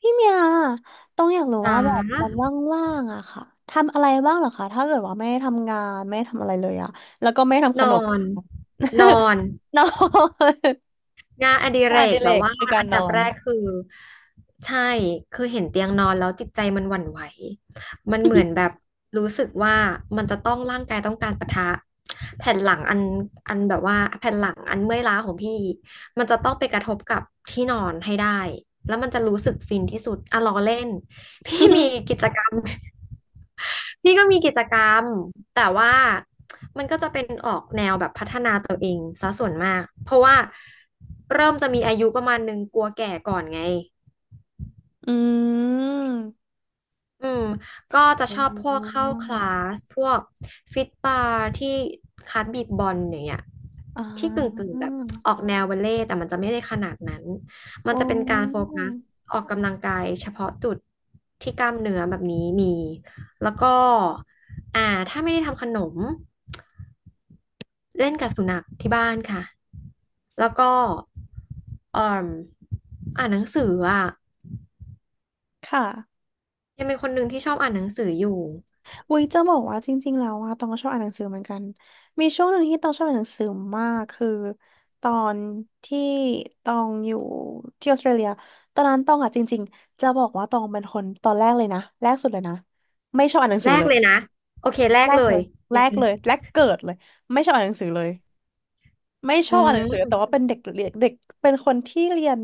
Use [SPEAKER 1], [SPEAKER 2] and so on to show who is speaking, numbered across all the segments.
[SPEAKER 1] พี่เมียต้องอยากรู้
[SPEAKER 2] จ๋า
[SPEAKER 1] ว่าแบบวันว่างๆอะค่ะทำอะไรบ้างเหรอคะถ้าเกิดว่าไม่ได้ทำงานไม่ได้ทำอะไรเลยอะแล้วก็ไม่ทำข
[SPEAKER 2] น
[SPEAKER 1] น
[SPEAKER 2] อ
[SPEAKER 1] ม
[SPEAKER 2] นนอน
[SPEAKER 1] นอน
[SPEAKER 2] งานอดิเร
[SPEAKER 1] งานอดิ
[SPEAKER 2] ก
[SPEAKER 1] เร
[SPEAKER 2] แบบ
[SPEAKER 1] ก
[SPEAKER 2] ว่า
[SPEAKER 1] คือการ
[SPEAKER 2] อัน
[SPEAKER 1] น
[SPEAKER 2] ดั
[SPEAKER 1] อ
[SPEAKER 2] บ
[SPEAKER 1] น
[SPEAKER 2] แรกคือใช่คือเห็นเตียงนอนแล้วจิตใจมันหวั่นไหวมันเหมือนแบบรู้สึกว่ามันจะต้องร่างกายต้องการปะทะแผ่นหลังอันแบบว่าแผ่นหลังอันเมื่อยล้าของพี่มันจะต้องไปกระทบกับที่นอนให้ได้แล้วมันจะรู้สึกฟินที่สุดอ่ะล้อเล่น พี่มี กิจกรรม พี่ก็มีกิจกรรม แต่ว่ามันก็จะเป็นออกแนวแบบพัฒนาตัวเองซะส่วนมาก เพราะว่าเริ่มจะมีอายุประมาณนึงกลัวแก่ก่อนไง
[SPEAKER 1] อืม
[SPEAKER 2] อืมก็จะ
[SPEAKER 1] อื
[SPEAKER 2] ชอบพวกเข้าคลา
[SPEAKER 1] ม
[SPEAKER 2] สพวกฟิตบาร์ที่คลาสบีบบอลอย่างเงี้ย
[SPEAKER 1] อ่
[SPEAKER 2] ที่กึ่งกึ่
[SPEAKER 1] า
[SPEAKER 2] งแบบออกแนวบัลเล่ต์แต่มันจะไม่ได้ขนาดนั้นมัน
[SPEAKER 1] โอ้
[SPEAKER 2] จะเป็นการโฟกัสออกกำลังกายเฉพาะจุดที่กล้ามเนื้อแบบนี้มีแล้วก็อ่าถ้าไม่ได้ทำขนมเล่นกับสุนัขที่บ้านค่ะแล้วก็เอ่มอ่านหนังสืออ่ะ
[SPEAKER 1] ค่ะ
[SPEAKER 2] ยังเป็นคนหนึ่งที่ชอบอ่านหนังสืออยู่
[SPEAKER 1] อุ้ยจะบอกว่าจริงๆแล้วว่าตองก็ชอบอ่านหนังสือเหมือนกันมีช่วงหนึ่งที่ตองชอบอ่านหนังสือมากคือตอนที่ตองอยู่ที่ออสเตรเลียตอนนั้นตองอ่ะจริงๆจะบอกว่าตองเป็นคนตอนแรกเลยนะแรกสุดเลยนะไม่ชอบอ่านหนังสื
[SPEAKER 2] แร
[SPEAKER 1] อ
[SPEAKER 2] ก
[SPEAKER 1] เลย
[SPEAKER 2] เลยนะโอเคแร
[SPEAKER 1] แร
[SPEAKER 2] ก
[SPEAKER 1] ก
[SPEAKER 2] เล
[SPEAKER 1] เล
[SPEAKER 2] ย
[SPEAKER 1] ยแร
[SPEAKER 2] ยัง
[SPEAKER 1] กเลยแรกเกิดเลยไม่ชอบอ่านหนังสือเลยไม่ช
[SPEAKER 2] อื
[SPEAKER 1] อบอ่านหนังสือแต่
[SPEAKER 2] ม
[SPEAKER 1] ว่าเป็นเด็กเรียนเด็กเป็นคนที่เรียน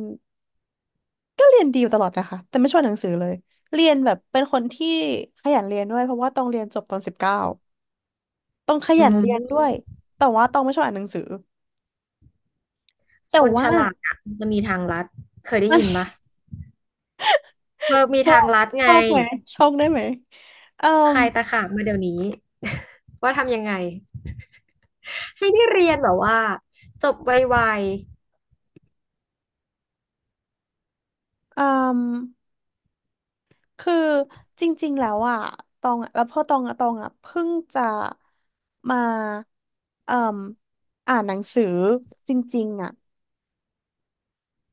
[SPEAKER 1] ก็เรียนดีอยู่ตลอดนะคะแต่ไม่ชอบอ่านหนังสือเลยเรียนแบบเป็นคนที่ขยันเรียนด้วยเพราะว่าตองเรียนจบตอน19 ต้องข
[SPEAKER 2] อื
[SPEAKER 1] ยันเรียนด้
[SPEAKER 2] ม
[SPEAKER 1] วยแต่ว่าต้องไม่ชอบอ่านหนังสือ แต่
[SPEAKER 2] คนฉ
[SPEAKER 1] ว่า
[SPEAKER 2] ลาดอ่ะมันจะมีทางลัดเคยได้
[SPEAKER 1] มัน
[SPEAKER 2] ยิน ปะเออมี
[SPEAKER 1] ชอ
[SPEAKER 2] ทาง
[SPEAKER 1] บ
[SPEAKER 2] ลัด
[SPEAKER 1] ช
[SPEAKER 2] ไง
[SPEAKER 1] อบไหมชอบได้ไหมเอ่
[SPEAKER 2] ใค
[SPEAKER 1] ม
[SPEAKER 2] รตะขาบมาเดี๋ยวนี้ ว่าทำยังไงให้ได้เรียนแบบว่าจบไว
[SPEAKER 1] เอ่มคือจริงๆแล้วอ่ะตองอะแล้วพอตองอะตองอ่ะเพิ่งจะมาเอ่มอ่านหนังสือจริงๆอ่ะ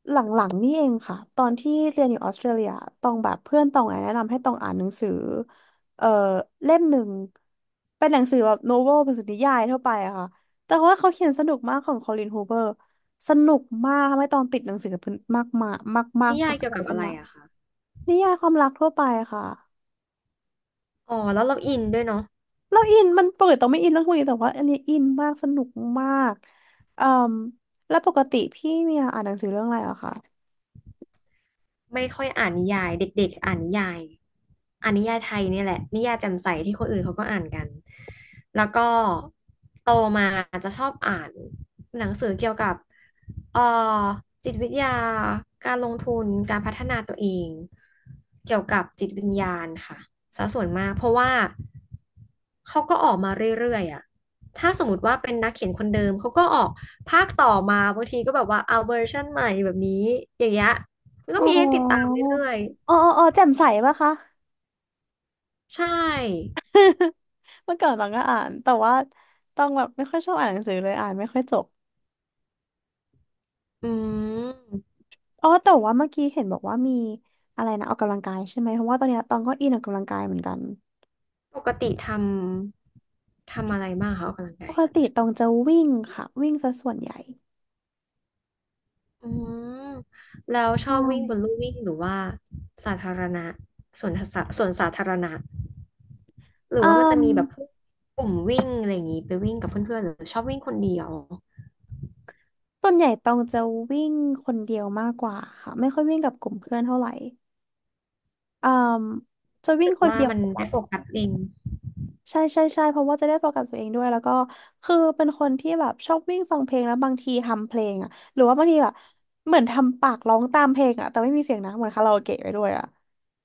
[SPEAKER 1] หลังๆนี่เองค่ะตอนที่เรียนอยู่ออสเตรเลียตองแบบเพื่อนตองอะแนะนำให้ตองอ่านหนังสือเอ่อเล่มหนึ่งเป็นหนังสือแบบโนเวลเป็นสือนิยายทั่วไปอะค่ะแต่ว่าเขาเขียนสนุกมากของคอลินฮูเบอร์สนุกมากทำให้ตองติดหนังสือเพิ่นมากมากมาก
[SPEAKER 2] ๆ
[SPEAKER 1] มาก
[SPEAKER 2] นิ
[SPEAKER 1] เป็
[SPEAKER 2] ยา
[SPEAKER 1] น
[SPEAKER 2] ย
[SPEAKER 1] ตั้ง
[SPEAKER 2] เกี่ยว
[SPEAKER 1] แต่
[SPEAKER 2] กับ
[SPEAKER 1] ต้
[SPEAKER 2] อะ
[SPEAKER 1] น
[SPEAKER 2] ไร
[SPEAKER 1] มา
[SPEAKER 2] อะคะ
[SPEAKER 1] นิยายความรักทั่วไปค่ะ
[SPEAKER 2] อ๋อแล้วเราอินด้วยเนาะ
[SPEAKER 1] เราอินมันปกติตองไม่อินเรื่องพวกนี้แต่ว่าอันนี้อินมากสนุกมากเอ่มแล้วปกติพี่เมียอ่านหนังสือเรื่องอะไรอะคะ
[SPEAKER 2] ไม่ค่อยอ่านนิยายเด็กๆอ่านนิยายอ่านนิยายไทยเนี่ยแหละนิยายแจ่มใสที่คนอื่นเขาก็อ่านกันแล้วก็โตมาจะชอบอ่านหนังสือเกี่ยวกับเอ่อจิตวิทยาการลงทุนการพัฒนาตัวเองเกี่ยวกับจิตวิญญาณค่ะซะส่วนมากเพราะว่าเขาก็ออกมาเรื่อยๆอ่ะถ้าสมมติว่าเป็นนักเขียนคนเดิมเขาก็ออกภาคต่อมาบางทีก็แบบว่าเอาเวอร์ชันใหม่แบบนี้อย่างเงี้ย ก็
[SPEAKER 1] อ๋อ
[SPEAKER 2] มีให้ติดตามเรื่อย
[SPEAKER 1] อ๋อแจ่มใสปะคะ
[SPEAKER 2] ๆใช่
[SPEAKER 1] เมื่อก่อนตองก็อ่านแต่ว่าต้องแบบไม่ค่อยชอบอ่านหนังสือเลยอ่านไม่ค่อยจบ
[SPEAKER 2] อืม
[SPEAKER 1] อ๋อแต่ว่าเมื่อกี้เห็นบอกว่ามีอะไรนะออกกำลังกายใช่ไหมเพราะว่าตอนเนี้ยตองก็อินออกกำลังกายเหมือนกัน
[SPEAKER 2] ปกติทำทำอะไรบ้างคะออกกำลัง
[SPEAKER 1] ป
[SPEAKER 2] กาย
[SPEAKER 1] กติตองจะวิ่งค่ะวิ่งซะส่วนใหญ่
[SPEAKER 2] อืมแล้วชอบวิ่งบ
[SPEAKER 1] ใช่
[SPEAKER 2] นลู่วิ่งหรือว่าสาธารณะสวนสาสวนสาธารณะหรือ
[SPEAKER 1] อื
[SPEAKER 2] ว่ามันจะ
[SPEAKER 1] ม
[SPEAKER 2] มีแบบพวกกลุ่มวิ่งอะไรอย่างนี้ไปวิ่งกับเพื่อนๆหรือชอบวิ่งคนเดียว
[SPEAKER 1] ส่วนใหญ่ตองจะวิ่งคนเดียวมากกว่าค่ะไม่ค่อยวิ่งกับกลุ่มเพื่อนเท่าไหร่อืมจะ
[SPEAKER 2] รู้
[SPEAKER 1] วิ่ง
[SPEAKER 2] สึก
[SPEAKER 1] คน
[SPEAKER 2] ว่า
[SPEAKER 1] เดียว
[SPEAKER 2] มันได้โฟกัสเอง
[SPEAKER 1] ใช่ใช่เพราะว่าจะได้โฟกัสตัวเองด้วยแล้วก็คือเป็นคนที่แบบชอบวิ่งฟังเพลงแล้วบางทีทำเพลงอ่ะหรือว่าบางทีแบบเหมือนทำปากร้องตามเพลงอ่ะแต่ไม่มีเสียงนะเหมือนคาราโอเกะไปด้วยอ่ะ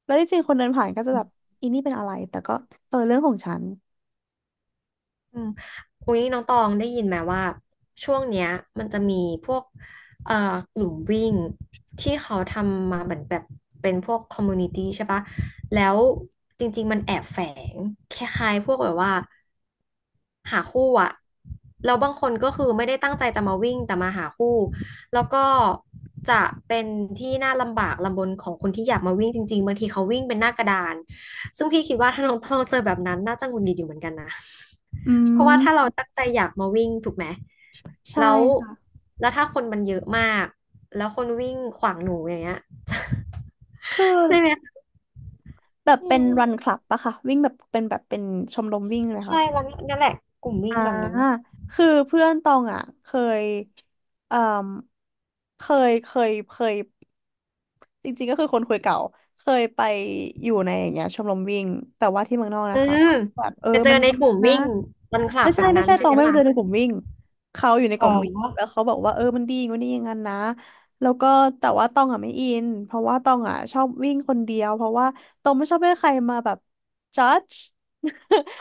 [SPEAKER 1] แล้วที่จริงคนเดินผ่านก็จะแบบอีนี่เป็นอะไรแต่ก็เออเรื่องของฉัน
[SPEAKER 2] อืมอุ้ยน้องตองได้ยินไหมว่าช่วงเนี้ยมันจะมีพวกเอ่อกลุ่มวิ่งที่เขาทำมาเหมือนแบบเป็นพวกคอมมูนิตี้ใช่ปะแล้วจริงๆมันแอบแฝงคล้ายๆพวกแบบว่าหาคู่อะแล้วบางคนก็คือไม่ได้ตั้งใจจะมาวิ่งแต่มาหาคู่แล้วก็จะเป็นที่น่าลำบากลำบนของคนที่อยากมาวิ่งจริงๆบางทีเขาวิ่งเป็นหน้ากระดาน ซึ่งพี่คิดว่าถ้าน้องต้องเจอแบบนั้นน่าจะหงุดหงิดอยู่เหมือนกันนะ
[SPEAKER 1] อื
[SPEAKER 2] เพราะว่าถ้าเรา
[SPEAKER 1] ม
[SPEAKER 2] ตั้งใจอยากมาวิ่งถูกไหม
[SPEAKER 1] ใช่
[SPEAKER 2] แล้ว
[SPEAKER 1] ค่ะ
[SPEAKER 2] แล้วถ้าคนมันเยอะมาก แล้วคนวิ่งขวางหนูอย่างเงี้ย
[SPEAKER 1] คือ
[SPEAKER 2] ใช่ไหมคะ
[SPEAKER 1] แบบ
[SPEAKER 2] อื
[SPEAKER 1] เป็น
[SPEAKER 2] ม
[SPEAKER 1] รันคลับปะค่ะวิ่งแบบเป็นชมรมวิ่งเลยค่ะ
[SPEAKER 2] ใช่แล้วนั่นแหละกลุ่มวิ่
[SPEAKER 1] อ่า
[SPEAKER 2] งแบบนั้น
[SPEAKER 1] คือเพื่อนตองอ่ะเคยเอ่อเคเคย จริงๆก็คือคนคุยเก่า เคยไปอยู่ในอย่างเงี้ยชมรมวิ่งแต่ว่าที่เมืองนอก
[SPEAKER 2] อื
[SPEAKER 1] นะคะ
[SPEAKER 2] ม
[SPEAKER 1] แบบเออ
[SPEAKER 2] จะเจ
[SPEAKER 1] มั
[SPEAKER 2] อ
[SPEAKER 1] น
[SPEAKER 2] ใน
[SPEAKER 1] ดี
[SPEAKER 2] กลุ่ม
[SPEAKER 1] นะ
[SPEAKER 2] วิ่งรันคลับแบบ
[SPEAKER 1] ไม่
[SPEAKER 2] นั้น
[SPEAKER 1] ใช่ต
[SPEAKER 2] ใช่
[SPEAKER 1] อ
[SPEAKER 2] ไห
[SPEAKER 1] ง
[SPEAKER 2] ม
[SPEAKER 1] ไม่ไป
[SPEAKER 2] ล่ะ
[SPEAKER 1] เจอในกลุ่มวิ่งเขาอยู่ในก
[SPEAKER 2] อ๋อ
[SPEAKER 1] ลุ่มวิ่งแล้วเขาบอกว่าเออมันดีอย่างงู้นนี่อย่างนั้นนะแล้วก็แต่ว่าตองอ่ะไม่อินเพราะว่าตองอ่ะชอบวิ่งคนเดียวเพราะว่าตองไม่ชอบให้ใครมาแบบ judge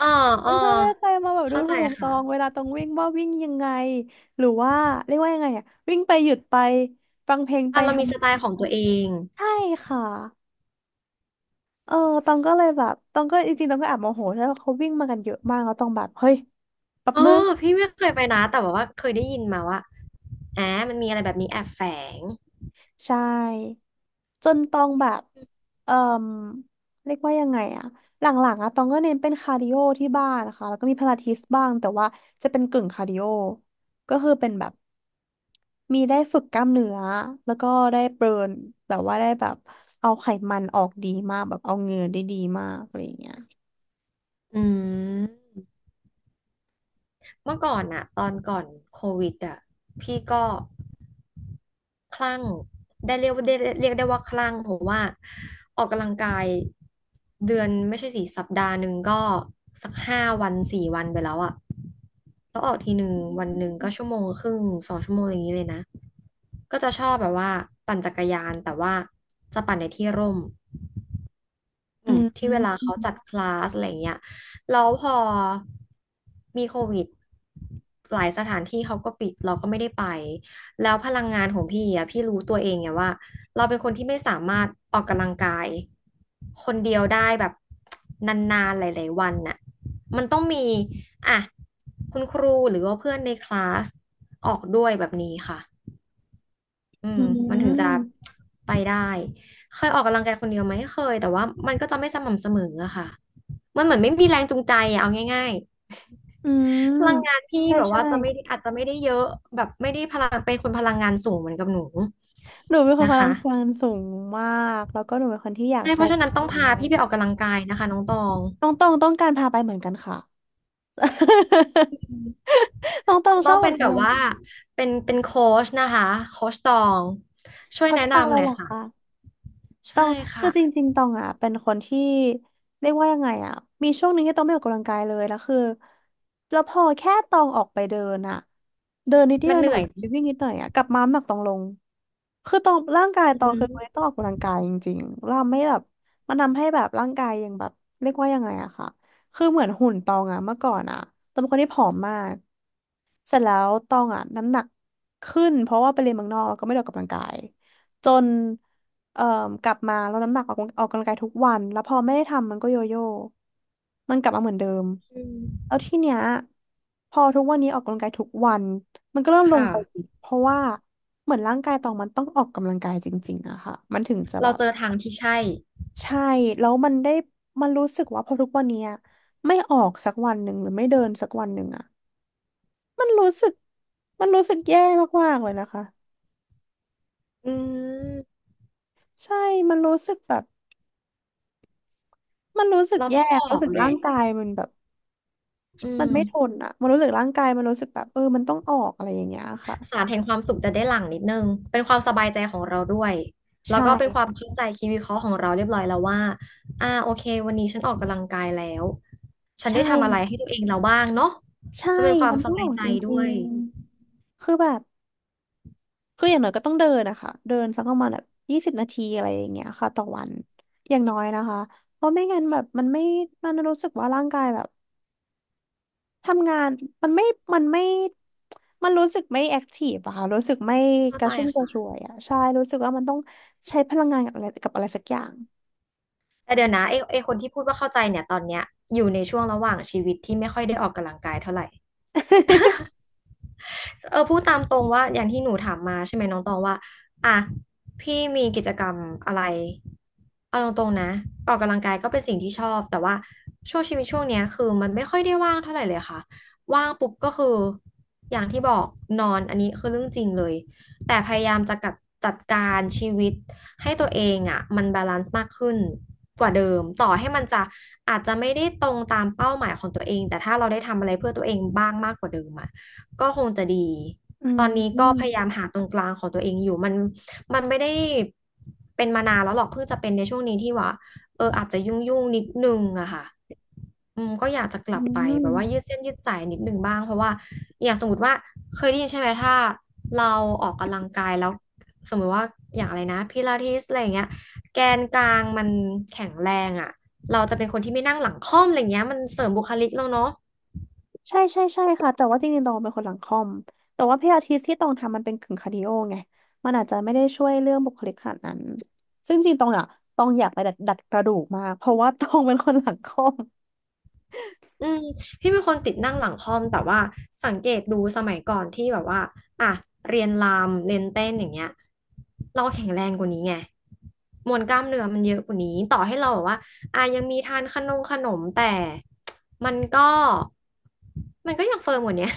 [SPEAKER 2] อ๋อ อ๋
[SPEAKER 1] ไม่
[SPEAKER 2] อ
[SPEAKER 1] ชอบให้ใครมาแบบดู
[SPEAKER 2] เข้าใจ
[SPEAKER 1] ถูกต
[SPEAKER 2] ค่ะ
[SPEAKER 1] องเวลาตองวิ่งว่าวิ่งยังไงหรือว่าเรียกว่ายังไงอ่ะวิ่งไปหยุดไปฟังเพลงไป
[SPEAKER 2] อ่ะเรา
[SPEAKER 1] ทำ
[SPEAKER 2] มีสไตล์ของตัวเอง
[SPEAKER 1] ใช่ค่ะ เออตองก็เลยแบบตองก็จริงๆตองก็แอบโมโหแล้วาเขาวิ่งมากันเยอะมากแล้วตองแบบเฮ้ยแป๊บ
[SPEAKER 2] อ๋อ
[SPEAKER 1] นึง
[SPEAKER 2] พี่ไม่เคยไปนะแต่ว่าเคยได้ยินมาว่าอ่ามันมีอะไรแบบนี้แอบแฝง
[SPEAKER 1] ใช่จนตองแบบเอ่มเรียกว่ายังไงอะหลังๆอะตองก็เน้นเป็นคาร์ดิโอที่บ้านนะคะแล้วก็มีพลาทิสบ้างแต่ว่าจะเป็นกึ่งคาร์ดิโอก็คือเป็นแบบมีได้ฝึกกล้ามเนื้อแล้วก็ได้เบิร์นแบบว่าได้แบบเอาไขมันออกดีมากแบบเอาเหงื่อได้ดีมากอะไรอย่างเงี้ย
[SPEAKER 2] อืมเมื่อก่อนอะตอนก่อนโควิดอะพี่ก็คลั่งได้เรียกว่าได้เรียกได้ว่าคลั่งเพราะว่าออกกำลังกายเดือนไม่ใช่สิสัปดาห์หนึ่งก็สัก5 วัน 4 วันไปแล้วอะแล้วออกทีหนึ่งวันหนึ่งก็ชั่วโมงครึ่ง2 ชั่วโมงอย่างนี้เลยนะก็จะชอบแบบว่าปั่นจักรยานแต่ว่าจะปั่นในที่ร่ม อื
[SPEAKER 1] อื
[SPEAKER 2] ม
[SPEAKER 1] ม
[SPEAKER 2] ที่เวลาเขาจัดคลาสอะไรเงี้ยแล้วพอมีโควิดหลายสถานที่เขาก็ปิดเราก็ไม่ได้ไปแล้วพลังงานของพี่อ่ะพี่รู้ตัวเองไงว่าเราเป็นคนที่ไม่สามารถออกกำลังกายคนเดียวได้แบบนานๆหลายๆวันน่ะมันต้องมีอ่ะคุณครูหรือว่าเพื่อนในคลาสออกด้วยแบบนี้ค่ะ อื
[SPEAKER 1] อื
[SPEAKER 2] มมันถึงจะ
[SPEAKER 1] ม
[SPEAKER 2] ไปได้เคยออกกำลังกายคนเดียวไหมเคยแต่ว่ามันก็จะไม่สม่ำเสมออะค่ะมันเหมือนไม่มีแรงจูงใจอะเอาง่าย
[SPEAKER 1] อื
[SPEAKER 2] ๆ พ
[SPEAKER 1] ม
[SPEAKER 2] ลังงานพี่
[SPEAKER 1] ใช่
[SPEAKER 2] แบบ
[SPEAKER 1] ใช่
[SPEAKER 2] ว่าจะไม่ได้อาจจะไม่ได้เยอะแบบไม่ได้พลังเป็นคนพลังงานสูงเหมือนกับหนู
[SPEAKER 1] หนูเป็นคน
[SPEAKER 2] นะ
[SPEAKER 1] พลัง
[SPEAKER 2] คะ
[SPEAKER 1] งานสูงมากแล้วก็หนูเป็นคนที่อยาก
[SPEAKER 2] ใช่เพ
[SPEAKER 1] ใช้
[SPEAKER 2] ราะ
[SPEAKER 1] พ
[SPEAKER 2] ฉะ
[SPEAKER 1] ลั
[SPEAKER 2] นั้
[SPEAKER 1] ง
[SPEAKER 2] นต้
[SPEAKER 1] งา
[SPEAKER 2] อง
[SPEAKER 1] น
[SPEAKER 2] พา
[SPEAKER 1] มาก
[SPEAKER 2] พี่ไปออกกำลังกายนะคะน้องตอง
[SPEAKER 1] น้องต้องต้องการพาไปเหมือนกันค่ะ น้องต้อง
[SPEAKER 2] จะ
[SPEAKER 1] ช
[SPEAKER 2] ต้อ
[SPEAKER 1] อ
[SPEAKER 2] ง
[SPEAKER 1] บอ
[SPEAKER 2] เป็
[SPEAKER 1] อ
[SPEAKER 2] น
[SPEAKER 1] ก
[SPEAKER 2] แบบ
[SPEAKER 1] กำลัง
[SPEAKER 2] ว่า
[SPEAKER 1] กาย
[SPEAKER 2] เป็นโค้ชนะคะโค้ชตองช่วย
[SPEAKER 1] เขา
[SPEAKER 2] แนะ
[SPEAKER 1] ชื่อตังอะ
[SPEAKER 2] นำ
[SPEAKER 1] ไร
[SPEAKER 2] หน่อ
[SPEAKER 1] เห
[SPEAKER 2] ย
[SPEAKER 1] รอคะ
[SPEAKER 2] ค่ะ
[SPEAKER 1] ต
[SPEAKER 2] ใช่
[SPEAKER 1] องคื
[SPEAKER 2] ค่ะ
[SPEAKER 1] อจริงๆตองอ่ะเป็นคนที่เรียกว่ายังไงอ่ะมีช่วงหนึงที่ตองไม่ออกกำลังกายเลยแล้วคือแล้วพอแค่ตองออกไปเดินอ่ะเดินนิดเดี
[SPEAKER 2] มั
[SPEAKER 1] ย
[SPEAKER 2] น
[SPEAKER 1] ว
[SPEAKER 2] เห
[SPEAKER 1] หน่
[SPEAKER 2] นื่
[SPEAKER 1] อย
[SPEAKER 2] อย
[SPEAKER 1] ไปวิ่งนิดหน่อยอ่ะกลับมาน้ำหนักตองลงคือตองร่างกาย
[SPEAKER 2] อื
[SPEAKER 1] ตองคือคนที่ต้อ
[SPEAKER 2] ม
[SPEAKER 1] งออกกำลังกายจริงๆเราไม่แบบมันทำให้แบบร่างกายยังแบบเรียกว่ายังไงอะค่ะคือเหมือนหุ่นตองอะเมื่อก่อนอะตองเป็นคนที่ผอมมากเสร็จแล้วตองอะน้ำหนักขึ้นเพราะว่าไปเรียนเมืองนอกแล้วก็ไม่ได้ออกกำลังกายจน เอ่อกลับมาลดน้ำหนักออกกำลังกายทุกวันแล้วพอไม่ได้ทำมันก็โยโย่มันกลับมาเหมือนเดิม
[SPEAKER 2] อืม
[SPEAKER 1] แล้วทีเนี้ยพอทุกวันนี้ออกกำลังกายทุกวันมันก็เริ่มลงไป
[SPEAKER 2] ค่ะ
[SPEAKER 1] อีกเพราะว่าเหมือนร่างกายตองมันต้องออกกำลังกายจริงๆอะค่ะมันถึงจะแบ
[SPEAKER 2] เรา
[SPEAKER 1] บ
[SPEAKER 2] เจอทางที่ใช่
[SPEAKER 1] ใช่แล้วมันได้มันรู้สึกว่าพอทุกวันเนี้ยไม่ออกสักวันหนึ่งหรือไม่เดินสักวันหนึ่งอะมันรู้สึกมันรู้สึกแย่มากๆเลยนะคะ
[SPEAKER 2] อืม
[SPEAKER 1] ใช่มันรู้สึกแบบมันรู้สึก
[SPEAKER 2] เรา
[SPEAKER 1] แย่
[SPEAKER 2] ต้องออ
[SPEAKER 1] รู้
[SPEAKER 2] ก
[SPEAKER 1] สึก
[SPEAKER 2] แห
[SPEAKER 1] ร่า
[SPEAKER 2] ละ
[SPEAKER 1] งกายมันแบบ
[SPEAKER 2] อื
[SPEAKER 1] มัน
[SPEAKER 2] ม
[SPEAKER 1] ไม่ทนอ่ะมันรู้สึกร่างกายมันรู้สึกแบบเออมันต้องออกอะไรอย่างเงี้ยค่ะ
[SPEAKER 2] สารแห่งความสุขจะได้หลั่งนิดนึงเป็นความสบายใจของเราด้วย
[SPEAKER 1] ใช
[SPEAKER 2] แล้วก็เป็นควา
[SPEAKER 1] ่
[SPEAKER 2] มเข้าใจคิดวิเคราะห์ของเราเรียบร้อยแล้วว่าโอเควันนี้ฉันออกกำลังกายแล้วฉัน
[SPEAKER 1] ใช่
[SPEAKER 2] ได้ทำอะไรให้ตัวเองเราบ้างเนาะ
[SPEAKER 1] ใช่
[SPEAKER 2] มันเป็นความ
[SPEAKER 1] มัน
[SPEAKER 2] ส
[SPEAKER 1] ต้อง
[SPEAKER 2] บา
[SPEAKER 1] อ
[SPEAKER 2] ย
[SPEAKER 1] อก
[SPEAKER 2] ใจ
[SPEAKER 1] จ
[SPEAKER 2] ด้
[SPEAKER 1] ริ
[SPEAKER 2] ว
[SPEAKER 1] ง
[SPEAKER 2] ย
[SPEAKER 1] ๆคือแบบคืออย่างน้อยก็ต้องเดินนะคะเดินสักประมาณแบบ20 นาทีอะไรอย่างเงี้ยค่ะต่อวันอย่างน้อยนะคะเพราะไม่งั้นแบบมันไม่มันรู้สึกว่าร่างกายแบบทำงานมันไม่มันไม่มันรู้สึกไม่แอคทีฟอะค่ะรู้สึกไม่
[SPEAKER 2] เข้า
[SPEAKER 1] ก
[SPEAKER 2] ใจ
[SPEAKER 1] ระชุ่มกระ
[SPEAKER 2] ค่ะ
[SPEAKER 1] ชวยอะใช่รู้สึกว่ามันต้องใช้พลังงานกับอะไรกับอะไรสักอย่าง
[SPEAKER 2] แต่เดี๋ยวนะไอ้คนที่พูดว่าเข้าใจเนี่ยตอนเนี้ยอยู่ในช่วงระหว่างชีวิตที่ไม่ค่อยได้ออกกำลังกายเท่าไหร่ พูดตามตรงว่าอย่างที่หนูถามมาใช่ไหมน้องตองว่าอ่ะพี่มีกิจกรรมอะไรเอาตรงๆนะออกกำลังกายก็เป็นสิ่งที่ชอบแต่ว่าช่วงชีวิตช่วงเนี้ยคือมันไม่ค่อยได้ว่างเท่าไหร่เลยค่ะว่างปุ๊บก็คืออย่างที่บอกนอนอันนี้คือเรื่องจริงเลยแต่พยายามจะกัดจัดการชีวิตให้ตัวเองอ่ะมันบาลานซ์มากขึ้นกว่าเดิมต่อให้มันจะอาจจะไม่ได้ตรงตามเป้าหมายของตัวเองแต่ถ้าเราได้ทำอะไรเพื่อตัวเองบ้างมากกว่าเดิมอ่ะ ก็คงจะดี
[SPEAKER 1] อื
[SPEAKER 2] ตอนนี้ก็
[SPEAKER 1] ม
[SPEAKER 2] พยายามหาตรงกลางของตัวเองอยู่ มัน มันไม่ได้เป็นมานานแล้วหรอก เพิ่งจะเป็นในช่วงนี้ที่ว่าอาจจะยุ่งนิดนึงอะค่ะอืมก็อยากจะก
[SPEAKER 1] อื
[SPEAKER 2] ลับไปแบบว่ายืด
[SPEAKER 1] ม
[SPEAKER 2] เส้นยืดสายนิดนึงบ้างเพราะว่าอย่างสมมติว่าเคยได้ยินใช่ไหมถ้าเราออกกำลังกายแล้วสมมติว่าอย่างอะไรนะพิลาทิสอะไรอย่างเงี้ยแกนกลางมันแข็งแรงอะเราจะเป็นคนที่ไม่นั่งหลังค่อมอะไรเงี้ยมันเสริมบุคลิกเราเนาะ
[SPEAKER 1] ใช่ใช่ใช่ค่ะแต่ว่าจริงๆตองเป็นคนหลังคอมแต่ว่าเพี่อาทิตที่ตองทำมันเป็นกึ่งคาร์ดิโอไงมันอาจจะไม่ได้ช่วยเรื่องบุคลิกขนาดนั้นซึ่งจริงๆตองอ่ะตองอยากไปดัดดัดกระดูกมากเพราะว่าตองเป็นคนหลังคอม
[SPEAKER 2] อืมพี่เป็นคนติดนั่งหลังคอมแต่ว่าสังเกตดูสมัยก่อนที่แบบว่าอ่ะเรียนรำเรียนเต้นอย่างเงี้ยเราแข็งแรงกว่านี้ไงมวลกล้ามเนื้อมันเยอะกว่านี้ต่อให้เราแบบว่าอ่ะยังมีทานขนมขนมแต่มันก็มันก็ยังเฟิร์มกว่าเนี้ย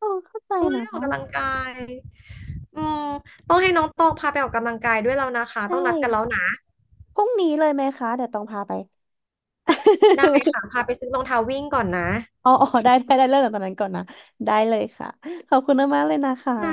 [SPEAKER 1] ตองเข้าใจ
[SPEAKER 2] เออ
[SPEAKER 1] นะ
[SPEAKER 2] ได้ออกกำลังกายอืมต้องให้น้องตองพาไปออกกำลังกายด้วยแล้วนะคะ
[SPEAKER 1] ใช่
[SPEAKER 2] ต้องนัดกันแล้วนะ
[SPEAKER 1] พรุ่งนี้เลยไหมคะเดี๋ยวตองพาไป
[SPEAKER 2] ได้ค่ะพาไปซื้อรองเท้าวิ่งก่อนนะ
[SPEAKER 1] อ๋ออ๋อได้ได้ได้เริ่มจากตอนนั้นก่อนนะได้เลยค่ะขอบคุณมากๆเลยนะคะ
[SPEAKER 2] ค่ะ